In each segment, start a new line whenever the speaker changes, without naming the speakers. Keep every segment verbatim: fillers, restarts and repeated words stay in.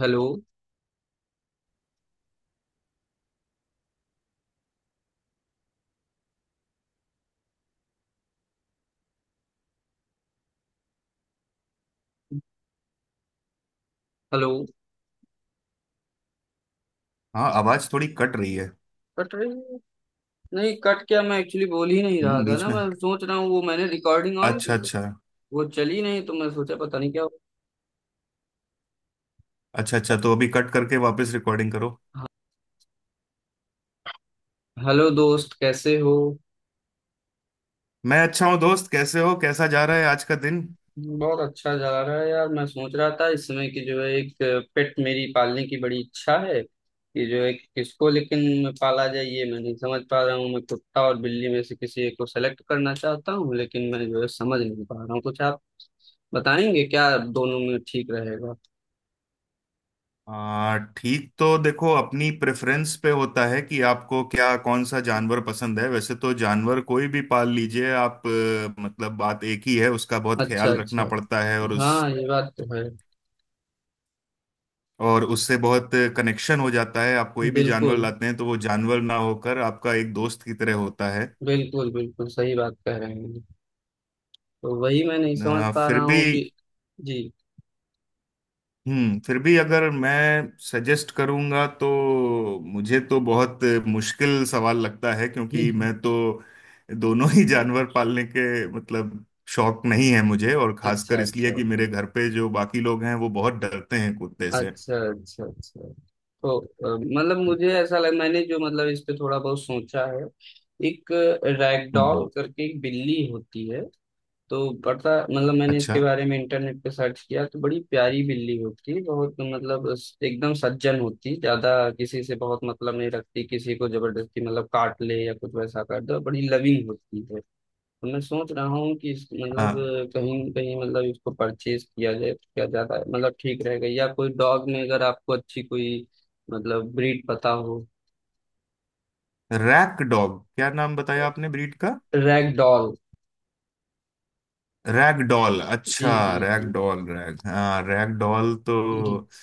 Hello. Hello.
हाँ, आवाज थोड़ी कट रही है।
कट रही है। नहीं कट क्या मैं एक्चुअली बोल ही नहीं रहा
हम्म,
था
बीच
ना?
में।
मैं सोच रहा हूँ वो मैंने रिकॉर्डिंग ऑन
अच्छा
की,
अच्छा।
वो चली नहीं, तो मैं सोचा पता नहीं क्या हुआ।
अच्छा अच्छा, तो अभी कट करके वापस रिकॉर्डिंग करो।
हाँ, हेलो दोस्त, कैसे हो?
मैं अच्छा हूँ दोस्त, कैसे हो? कैसा जा रहा है आज का दिन?
बहुत अच्छा जा रहा है यार। मैं सोच रहा था, इस समय की जो है, एक पेट मेरी पालने की बड़ी इच्छा है कि जो है, किसको लेकिन पाला जाए, ये मैं नहीं समझ पा रहा हूँ। मैं कुत्ता और बिल्ली में से किसी एक को सेलेक्ट करना चाहता हूँ, लेकिन मैं जो है समझ नहीं पा रहा हूँ। कुछ आप बताएंगे क्या, दोनों में ठीक रहेगा?
आ, ठीक। तो देखो, अपनी प्रेफरेंस पे होता है कि आपको क्या कौन सा जानवर पसंद है। वैसे तो जानवर कोई भी पाल लीजिए आप। अ, मतलब बात एक ही है, उसका बहुत
अच्छा,
ख्याल रखना
अच्छा।
पड़ता है। और उस
हाँ, ये बात तो है।
और उससे बहुत कनेक्शन हो जाता है। आप कोई भी जानवर
बिल्कुल,
लाते हैं तो वो जानवर ना होकर आपका एक दोस्त की तरह होता है।
बिल्कुल, बिल्कुल सही बात कह रहे हैं। तो वही मैं नहीं समझ
अ,
पा
फिर
रहा
भी
हूँ कि जी।
हम्म फिर भी, अगर मैं सजेस्ट करूंगा तो मुझे तो बहुत मुश्किल सवाल लगता है, क्योंकि मैं तो दोनों ही जानवर पालने के मतलब शौक नहीं है मुझे। और
अच्छा,
खासकर इसलिए
अच्छा,
कि मेरे घर पे जो बाकी लोग हैं वो बहुत डरते हैं कुत्ते से।
अच्छा, अच्छा, अच्छा। तो अ, मतलब मुझे ऐसा लग, मैंने जो मतलब इस पे थोड़ा बहुत सोचा है। एक
हम्म।
रैगडॉल करके एक बिल्ली होती है, तो पता, मतलब मैंने इसके
अच्छा।
बारे में इंटरनेट पे सर्च किया तो बड़ी प्यारी बिल्ली होती है, बहुत मतलब स- एकदम सज्जन होती, ज्यादा किसी से बहुत मतलब नहीं रखती, किसी को जबरदस्ती मतलब काट ले या कुछ वैसा कर दो, बड़ी लविंग होती है। तो मैं सोच रहा हूँ कि इस- मतलब कहीं न कहीं मतलब इसको परचेज किया जाए तो क्या ज्यादा मतलब ठीक रहेगा, या कोई डॉग में अगर आपको अच्छी कोई मतलब ब्रीड पता हो।
Ragdoll? क्या नाम बताया आपने ब्रीड का?
Ragdoll.
रैगडॉल?
जी,
अच्छा।
जी, जी।
रैगडॉल, रैग हाँ, रैगडॉल तो।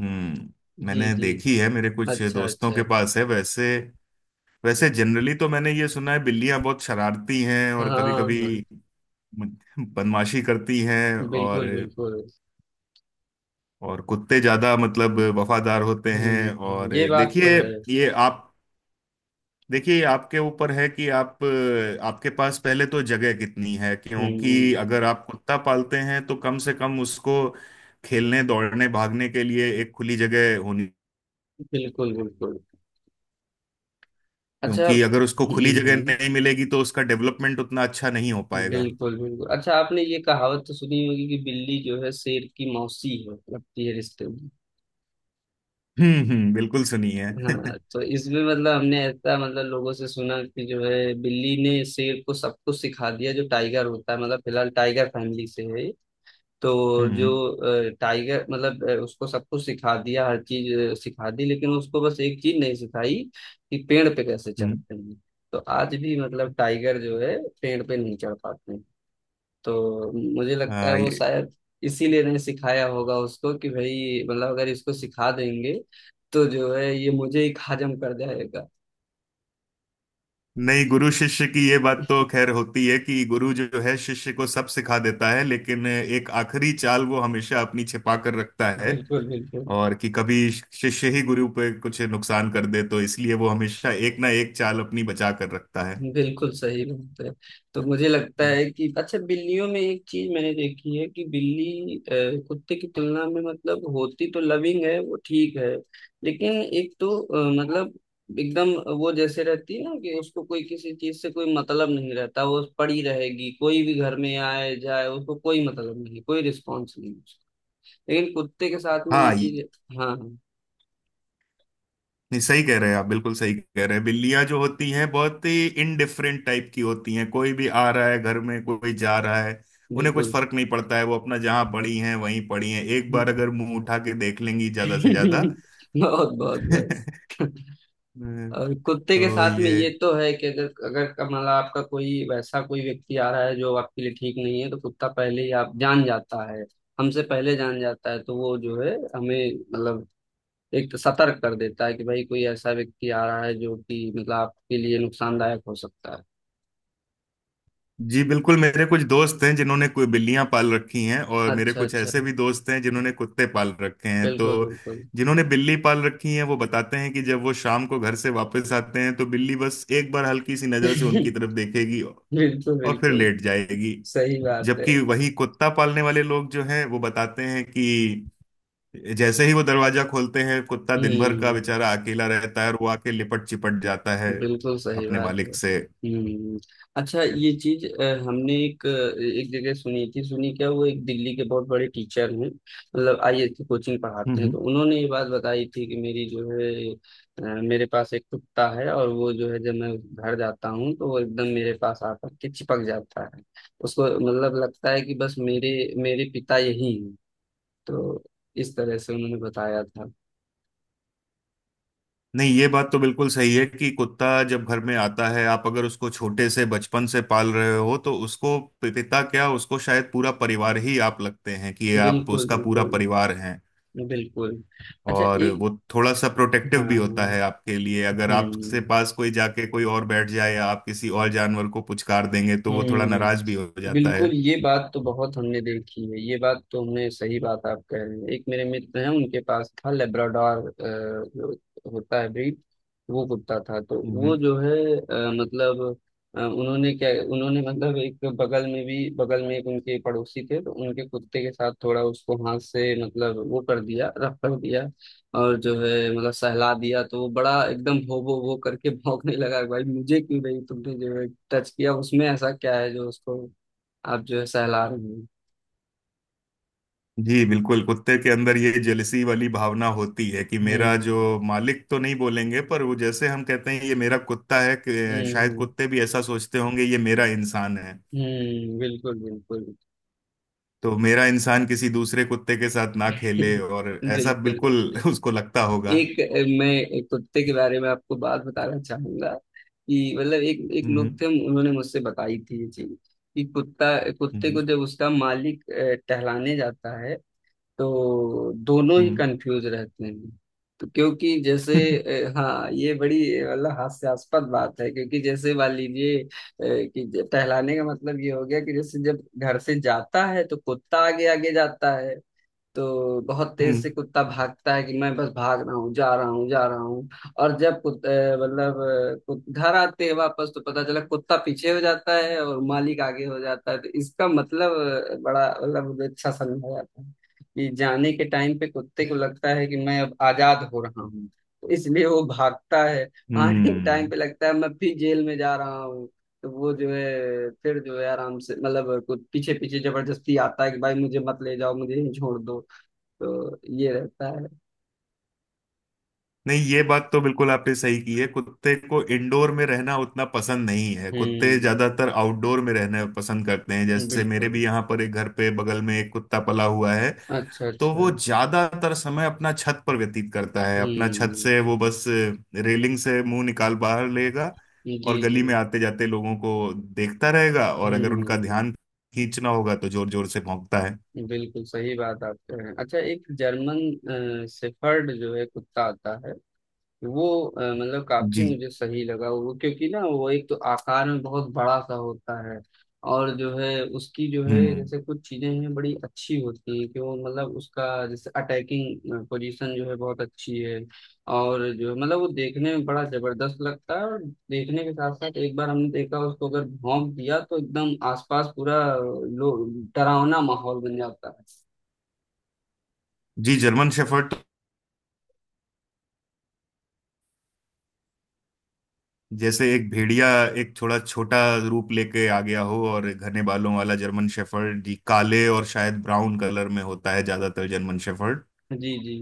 हम्म।
जी,
मैंने
जी।
देखी है, मेरे कुछ
अच्छा,
दोस्तों
अच्छा।
के पास है वैसे। वैसे जनरली तो मैंने ये सुना है बिल्लियां बहुत शरारती हैं
हाँ,
और कभी कभी
हाँ।
बदमाशी करती हैं। और
बिल्कुल, बिल्कुल।
और कुत्ते ज्यादा मतलब वफादार होते
हुँ,
हैं।
हुँ,
और
ये बात तो
देखिए,
है।
ये आप देखिए, आपके ऊपर है कि आप आपके पास पहले तो जगह कितनी है, क्योंकि
हुँ,
अगर आप कुत्ता पालते हैं तो कम से कम उसको खेलने दौड़ने भागने के लिए एक खुली जगह होनी।
बिल्कुल, बिल्कुल। अच्छा।
क्योंकि अगर उसको खुली
हुँ,
जगह
हुँ,
नहीं मिलेगी तो उसका डेवलपमेंट उतना अच्छा नहीं हो पाएगा।
बिल्कुल, बिल्कुल। अच्छा, आपने ये कहावत तो सुनी होगी कि बिल्ली जो है शेर की मौसी है, लगती है रिश्ते में।
हम्म। हम्म बिल्कुल सुनी है
हाँ, तो इसमें मतलब हमने ऐसा, मतलब लोगों से सुना कि जो है बिल्ली ने शेर को सब कुछ सिखा दिया, जो टाइगर होता है, मतलब फिलहाल टाइगर फैमिली से है ये। तो जो
हम्म।
अ, टाइगर, मतलब अ, उसको सब कुछ सिखा दिया, हर चीज अ, सिखा दी, लेकिन उसको बस एक चीज नहीं सिखाई कि पेड़ पे कैसे
हम्म।
चढ़ते हैं। तो आज भी मतलब टाइगर जो है पेड़ पे नहीं चढ़ पाते हैं। तो मुझे लगता है
हाँ,
वो
ये
शायद इसीलिए नहीं सिखाया होगा उसको कि भाई मतलब अगर इसको सिखा देंगे तो जो है ये मुझे ही हजम कर जाएगा।
नहीं, गुरु शिष्य की ये बात तो खैर होती है कि गुरु जो है शिष्य को सब सिखा देता है, लेकिन एक आखिरी चाल वो हमेशा अपनी छिपा कर रखता है।
बिल्कुल, बिल्कुल।
और कि कभी शिष्य ही गुरु पे कुछ नुकसान कर दे, तो इसलिए वो हमेशा एक ना एक चाल अपनी बचा कर रखता है।
बिल्कुल सही बात है। तो मुझे लगता है कि, अच्छा, बिल्लियों में एक चीज मैंने देखी है कि बिल्ली अ, कुत्ते की तुलना में मतलब होती तो लविंग है, वो ठीक है, लेकिन एक तो अ, मतलब एकदम वो जैसे रहती है ना कि उसको कोई किसी चीज से कोई मतलब नहीं रहता, वो पड़ी रहेगी, कोई भी घर में आए जाए उसको कोई मतलब नहीं, कोई रिस्पॉन्स नहीं। लेकिन कुत्ते के साथ में ये
हाँ, ये
चीज। हाँ, हाँ।
ये सही कह रहे हैं आप, बिल्कुल सही कह रहे हैं। बिल्लियां जो होती हैं बहुत ही इनडिफरेंट टाइप की होती हैं। कोई भी आ रहा है घर में, कोई जा रहा है, उन्हें कुछ
बिल्कुल।
फर्क नहीं पड़ता है। वो अपना जहां पड़ी हैं वहीं पड़ी हैं, एक बार अगर मुंह उठा के देख लेंगी ज्यादा से ज्यादा
बहुत, बहुत, बस। और कुत्ते के
तो
साथ में
ये
ये तो है कि अगर अगर का- मतलब आपका कोई वैसा कोई व्यक्ति आ रहा है जो आपके लिए ठीक नहीं है, तो कुत्ता पहले ही आप जान जाता है, हमसे पहले जान जाता है। तो वो जो है हमें मतलब एक तो सतर्क कर देता है कि भाई कोई ऐसा व्यक्ति आ रहा है जो कि मतलब आपके लिए नुकसानदायक हो सकता है।
जी बिल्कुल, मेरे कुछ दोस्त हैं जिन्होंने कोई बिल्लियां पाल रखी हैं, और मेरे
अच्छा,
कुछ
अच्छा।
ऐसे भी दोस्त हैं जिन्होंने कुत्ते पाल रखे हैं।
बिल्कुल,
तो
बिल्कुल।
जिन्होंने बिल्ली पाल रखी है वो बताते हैं कि जब वो शाम को घर से वापस आते हैं तो बिल्ली बस एक बार हल्की सी नजर से उनकी तरफ देखेगी और
बिल्कुल,
फिर
बिल्कुल
लेट जाएगी।
सही बात है।
जबकि वही कुत्ता पालने वाले लोग जो हैं वो बताते हैं कि जैसे ही वो दरवाजा खोलते हैं, कुत्ता दिन भर का
हम्म
बेचारा अकेला रहता है और वो आके लिपट चिपट जाता है
बिल्कुल सही
अपने
बात है।
मालिक से।
हम्म अच्छा, ये चीज अ, हमने एक अ, एक जगह सुनी थी। सुनी क्या, वो एक दिल्ली के बहुत बड़े टीचर हैं, मतलब आईएएस की कोचिंग पढ़ाते हैं। तो उन्होंने ये बात बताई थी कि मेरी जो है अ, मेरे पास एक कुत्ता है और वो जो है जब मैं घर जाता हूँ तो वो एकदम मेरे पास आकर के चिपक जाता है। उसको मतलब लगता है कि बस मेरे मेरे पिता यही हैं। तो इस तरह से उन्होंने बताया था।
नहीं, ये बात तो बिल्कुल सही है कि कुत्ता जब घर में आता है, आप अगर उसको छोटे से बचपन से पाल रहे हो तो उसको पि- पिता क्या, उसको शायद पूरा परिवार ही आप लगते हैं, कि आप
बिल्कुल,
उसका पूरा
बिल्कुल,
परिवार हैं।
बिल्कुल। अच्छा,
और
एक।
वो थोड़ा सा प्रोटेक्टिव
हाँ, हाँ।
भी होता है आपके लिए, अगर आपके
हम्म,
पास कोई जाके कोई और बैठ जाए या आप किसी और जानवर को पुचकार देंगे तो वो थोड़ा नाराज भी हो
हम्म,
जाता
बिल्कुल,
है।
ये बात तो बहुत हमने देखी है। ये बात तो हमने, सही बात आप कह रहे हैं। एक मेरे मित्र हैं, उनके पास था लेब्राडोर, अ, जो होता है ब्रीड। वो कुत्ता था। तो वो
हम्म।
जो है अ, मतलब अ, उन्होंने क्या, उन्होंने मतलब एक बगल में भी, बगल में एक उनके पड़ोसी थे, तो उनके कुत्ते के साथ थोड़ा, उसको हाथ से मतलब वो कर दिया, रफ कर दिया, और जो है मतलब सहला दिया, तो वो बड़ा एकदम हो, वो वो करके भौंकने लगा, भाई मुझे क्यों नहीं तुमने जो है टच किया, उसमें ऐसा क्या है जो उसको आप जो है सहला रहे हो।
जी बिल्कुल, कुत्ते के अंदर ये जेलसी वाली भावना होती है कि मेरा जो
हम्म,
मालिक, तो नहीं बोलेंगे, पर वो, जैसे हम कहते हैं ये मेरा कुत्ता है, कि शायद
हम्म।
कुत्ते भी ऐसा सोचते होंगे ये मेरा इंसान है।
हम्म बिल्कुल, बिल्कुल।
तो मेरा इंसान किसी दूसरे कुत्ते के साथ ना खेले, और ऐसा
बिल्कुल।
बिल्कुल उसको लगता होगा।
एक अ, मैं एक कुत्ते के बारे में आपको बात बताना चाहूंगा कि मतलब एक एक लोग
हम्म।
थे, उन्होंने मुझसे बताई थी ये चीज कि कुत्ता कुत्ते को
हम्म।
जब उसका मालिक अ, टहलाने जाता है तो दोनों ही
हम्म।
कंफ्यूज रहते हैं। तो क्योंकि जैसे
हम्म
अ, हाँ, ये बड़ी अ, मतलब हास्यास्पद बात है, क्योंकि जैसे मान लीजिए अ, कि ज- टहलाने का मतलब ये हो गया कि जैसे जब घर से जाता है तो कुत्ता आगे आगे जाता है, तो बहुत तेज से
हम्म।
कुत्ता भागता है कि मैं बस भाग रहा हूँ, जा रहा हूँ, जा रहा हूँ। और जब कुत- अ, मतलब अ, कुत- घर आते हैं वापस, तो पता चला कुत्ता पीछे हो जाता है और मालिक आगे हो जाता है। तो इसका मतलब अ, बड़ा मतलब मुझे अच्छा समझा जाता है कि जाने के टाइम पे कुत्ते को लगता है कि मैं अब आजाद हो रहा हूँ, तो इसलिए वो भागता है। आने के टाइम
हम्म।
पे लगता है मैं फिर जेल में जा रहा हूँ, तो वो जो है फिर जो है आराम से मतलब कुछ पीछे पीछे जबरदस्ती आता है कि भाई मुझे मत ले जाओ, मुझे यहीं छोड़ दो। तो ये रहता है।
नहीं, ये बात तो बिल्कुल आपने सही की है। कुत्ते को इंडोर में रहना उतना पसंद नहीं है, कुत्ते
हम्म,
ज्यादातर आउटडोर में रहना पसंद करते हैं। जैसे मेरे
बिल्कुल।
भी यहाँ पर एक घर पे बगल में एक कुत्ता पला हुआ है,
अच्छा,
तो
अच्छा।
वो ज्यादातर समय अपना छत पर व्यतीत करता है। अपना छत
हम्म
से वो बस रेलिंग से मुंह निकाल बाहर लेगा
जी,
और
जी।
गली में आते जाते लोगों को देखता रहेगा, और अगर उनका
हम्म
ध्यान खींचना होगा तो जोर जोर से भौंकता है।
बिल्कुल सही बात आप कह रहे हैं। अच्छा, एक जर्मन शेफर्ड जो है कुत्ता आता है, वो अ, मतलब काफी
जी।
मुझे सही लगा वो, क्योंकि ना वो एक तो आकार में बहुत बड़ा सा होता है, और जो है उसकी जो है
हम्म।
जैसे कुछ चीजें हैं बड़ी अच्छी होती हैं कि वो मतलब उसका जैसे अटैकिंग पोजीशन जो है बहुत अच्छी है, और जो मतलब वो देखने में बड़ा जबरदस्त लगता है, और देखने के साथ साथ एक बार हमने देखा उसको अगर भौंक दिया तो एकदम आसपास पूरा लो, डरावना माहौल बन जाता है।
जी, जर्मन शेफर्ड जैसे एक भेड़िया, एक थोड़ा छोटा रूप लेके आ गया हो, और घने बालों वाला जर्मन शेफर्ड जी काले और शायद ब्राउन कलर में होता है ज्यादातर जर्मन शेफर्ड।
जी, जी,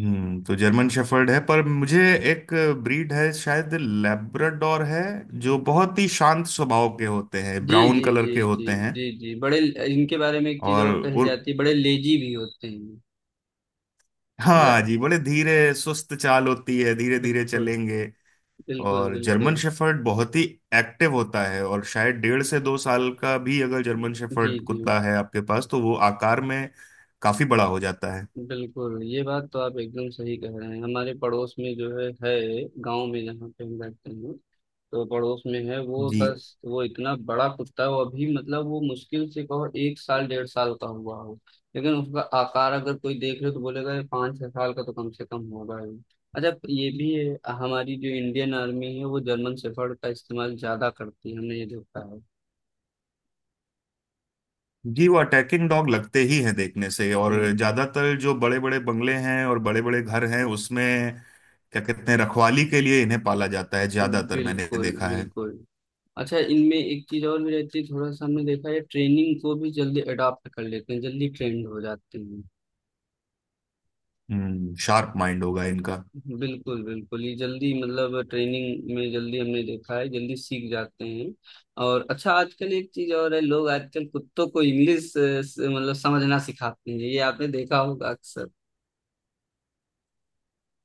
हम्म। तो जर्मन शेफर्ड है, पर मुझे एक ब्रीड है शायद, लैब्राडोर है, जो बहुत ही शांत स्वभाव के होते हैं,
जी,
ब्राउन
जी,
कलर
जी,
के
जी,
होते हैं।
जी, जी, बड़े। इनके बारे में एक चीज
और,
और कही
और
जाती है, बड़े लेजी भी होते हैं। ल,
हाँ जी, बड़े धीरे सुस्त चाल होती है, धीरे धीरे
बिल्कुल,
चलेंगे।
बिल्कुल,
और जर्मन
बिल्कुल।
शेफर्ड बहुत ही एक्टिव होता है, और शायद डेढ़ से दो साल का भी अगर जर्मन
जी,
शेफर्ड
जी।
कुत्ता है आपके पास तो वो आकार में काफी बड़ा हो जाता है।
बिल्कुल, ये बात तो आप एकदम सही कह रहे हैं। हमारे पड़ोस में जो है है गांव में जहाँ पे हम रहते हैं, तो पड़ोस में है, वो
जी
बस वो इतना बड़ा कुत्ता है, वो अभी मतलब वो मुश्किल से कहो एक साल डेढ़ साल का हुआ हो, लेकिन उसका आकार अगर कोई देख ले तो बोलेगा ये पाँच छह साल का तो कम से कम होगा ही। अच्छा, ये भी है, हमारी जो इंडियन आर्मी है, वो जर्मन शेफर्ड का इस्तेमाल ज्यादा करती है, हमने ये देखा है।
जी, वो अटैकिंग डॉग लगते ही हैं देखने से। और
हम्म,
ज्यादातर जो बड़े बड़े बंगले हैं और बड़े बड़े घर हैं उसमें क्या कहते हैं, रखवाली के लिए इन्हें पाला जाता है
हम्म,
ज्यादातर, मैंने
बिल्कुल,
देखा है।
बिल्कुल। अच्छा, इनमें एक चीज और भी रहती है, थोड़ा सा हमने देखा है, ट्रेनिंग को भी जल्दी अडॉप्ट कर लेते हैं, जल्दी ट्रेंड हो जाते हैं।
हम्म, शार्प माइंड होगा इनका।
बिल्कुल, बिल्कुल, ये जल्दी मतलब ट्रेनिंग में जल्दी हमने देखा है, जल्दी सीख जाते हैं। और अच्छा, आजकल एक चीज और है, लोग आजकल कुत्तों को इंग्लिश मतलब समझना सिखाते हैं, ये आपने देखा होगा अक्सर।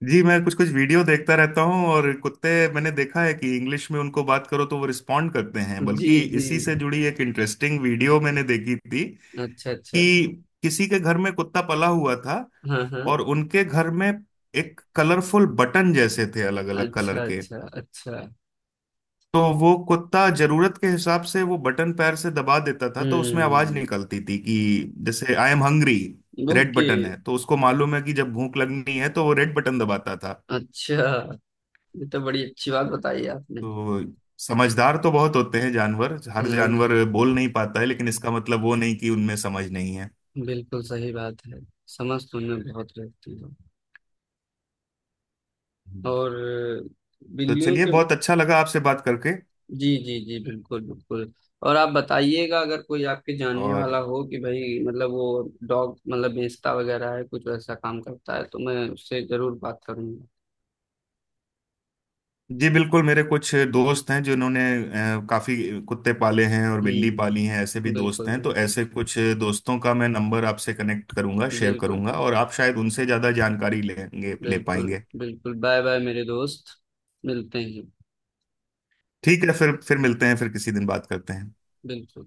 जी, मैं कुछ कुछ वीडियो देखता रहता हूँ, और कुत्ते मैंने देखा है कि इंग्लिश में उनको बात करो तो वो रिस्पॉन्ड करते हैं।
जी,
बल्कि
जी।
इसी से जुड़ी एक इंटरेस्टिंग वीडियो मैंने देखी थी
अच्छा, अच्छा।
कि किसी के घर में कुत्ता पला हुआ था,
हाँ, हाँ।
और उनके घर में एक कलरफुल बटन जैसे थे अलग अलग कलर
अच्छा,
के।
अच्छा, अच्छा।
तो वो कुत्ता जरूरत के हिसाब से वो बटन पैर से दबा देता था, तो उसमें आवाज
हम्म।
निकलती थी कि जैसे I am hungry. Red
okay.
Button है, तो उसको मालूम है कि जब भूख लगनी है तो वो रेड बटन दबाता था।
अच्छा, ये तो बड़ी अच्छी बात बताई आपने।
तो समझदार तो बहुत होते हैं जानवर। हर जानवर
हम्म
बोल नहीं पाता है, लेकिन इसका मतलब वो नहीं कि उनमें समझ नहीं है।
बिल्कुल सही बात है, समझ तो उन्हें बहुत रहती है।
हम्म।
और
तो
बिल्लियों
चलिए,
के।
बहुत अच्छा लगा आपसे बात करके।
जी, जी, जी, बिल्कुल, बिल्कुल। और आप बताइएगा, अगर कोई आपके जानने
और
वाला हो कि भाई मतलब वो डॉग मतलब बेचता वगैरह है, कुछ वैसा काम करता है, तो मैं उससे जरूर बात करूंगा।
जी बिल्कुल, मेरे कुछ दोस्त हैं जिन्होंने अ, काफी कुत्ते पाले हैं और बिल्ली पाली हैं ऐसे भी
हम्म,
दोस्त
बिल्कुल,
हैं, तो
बिल्कुल।
ऐसे कुछ दोस्तों का मैं नंबर आपसे कनेक्ट करूंगा शेयर
बिल्कुल।
करूंगा, और आप शायद उनसे ज्यादा जानकारी लेंगे ले
बिल्कुल,
पाएंगे।
बिल्कुल, बाय बाय मेरे दोस्त, मिलते हैं।
ठीक है, फिर फिर मिलते हैं, फिर किसी दिन बात करते हैं।
बिल्कुल।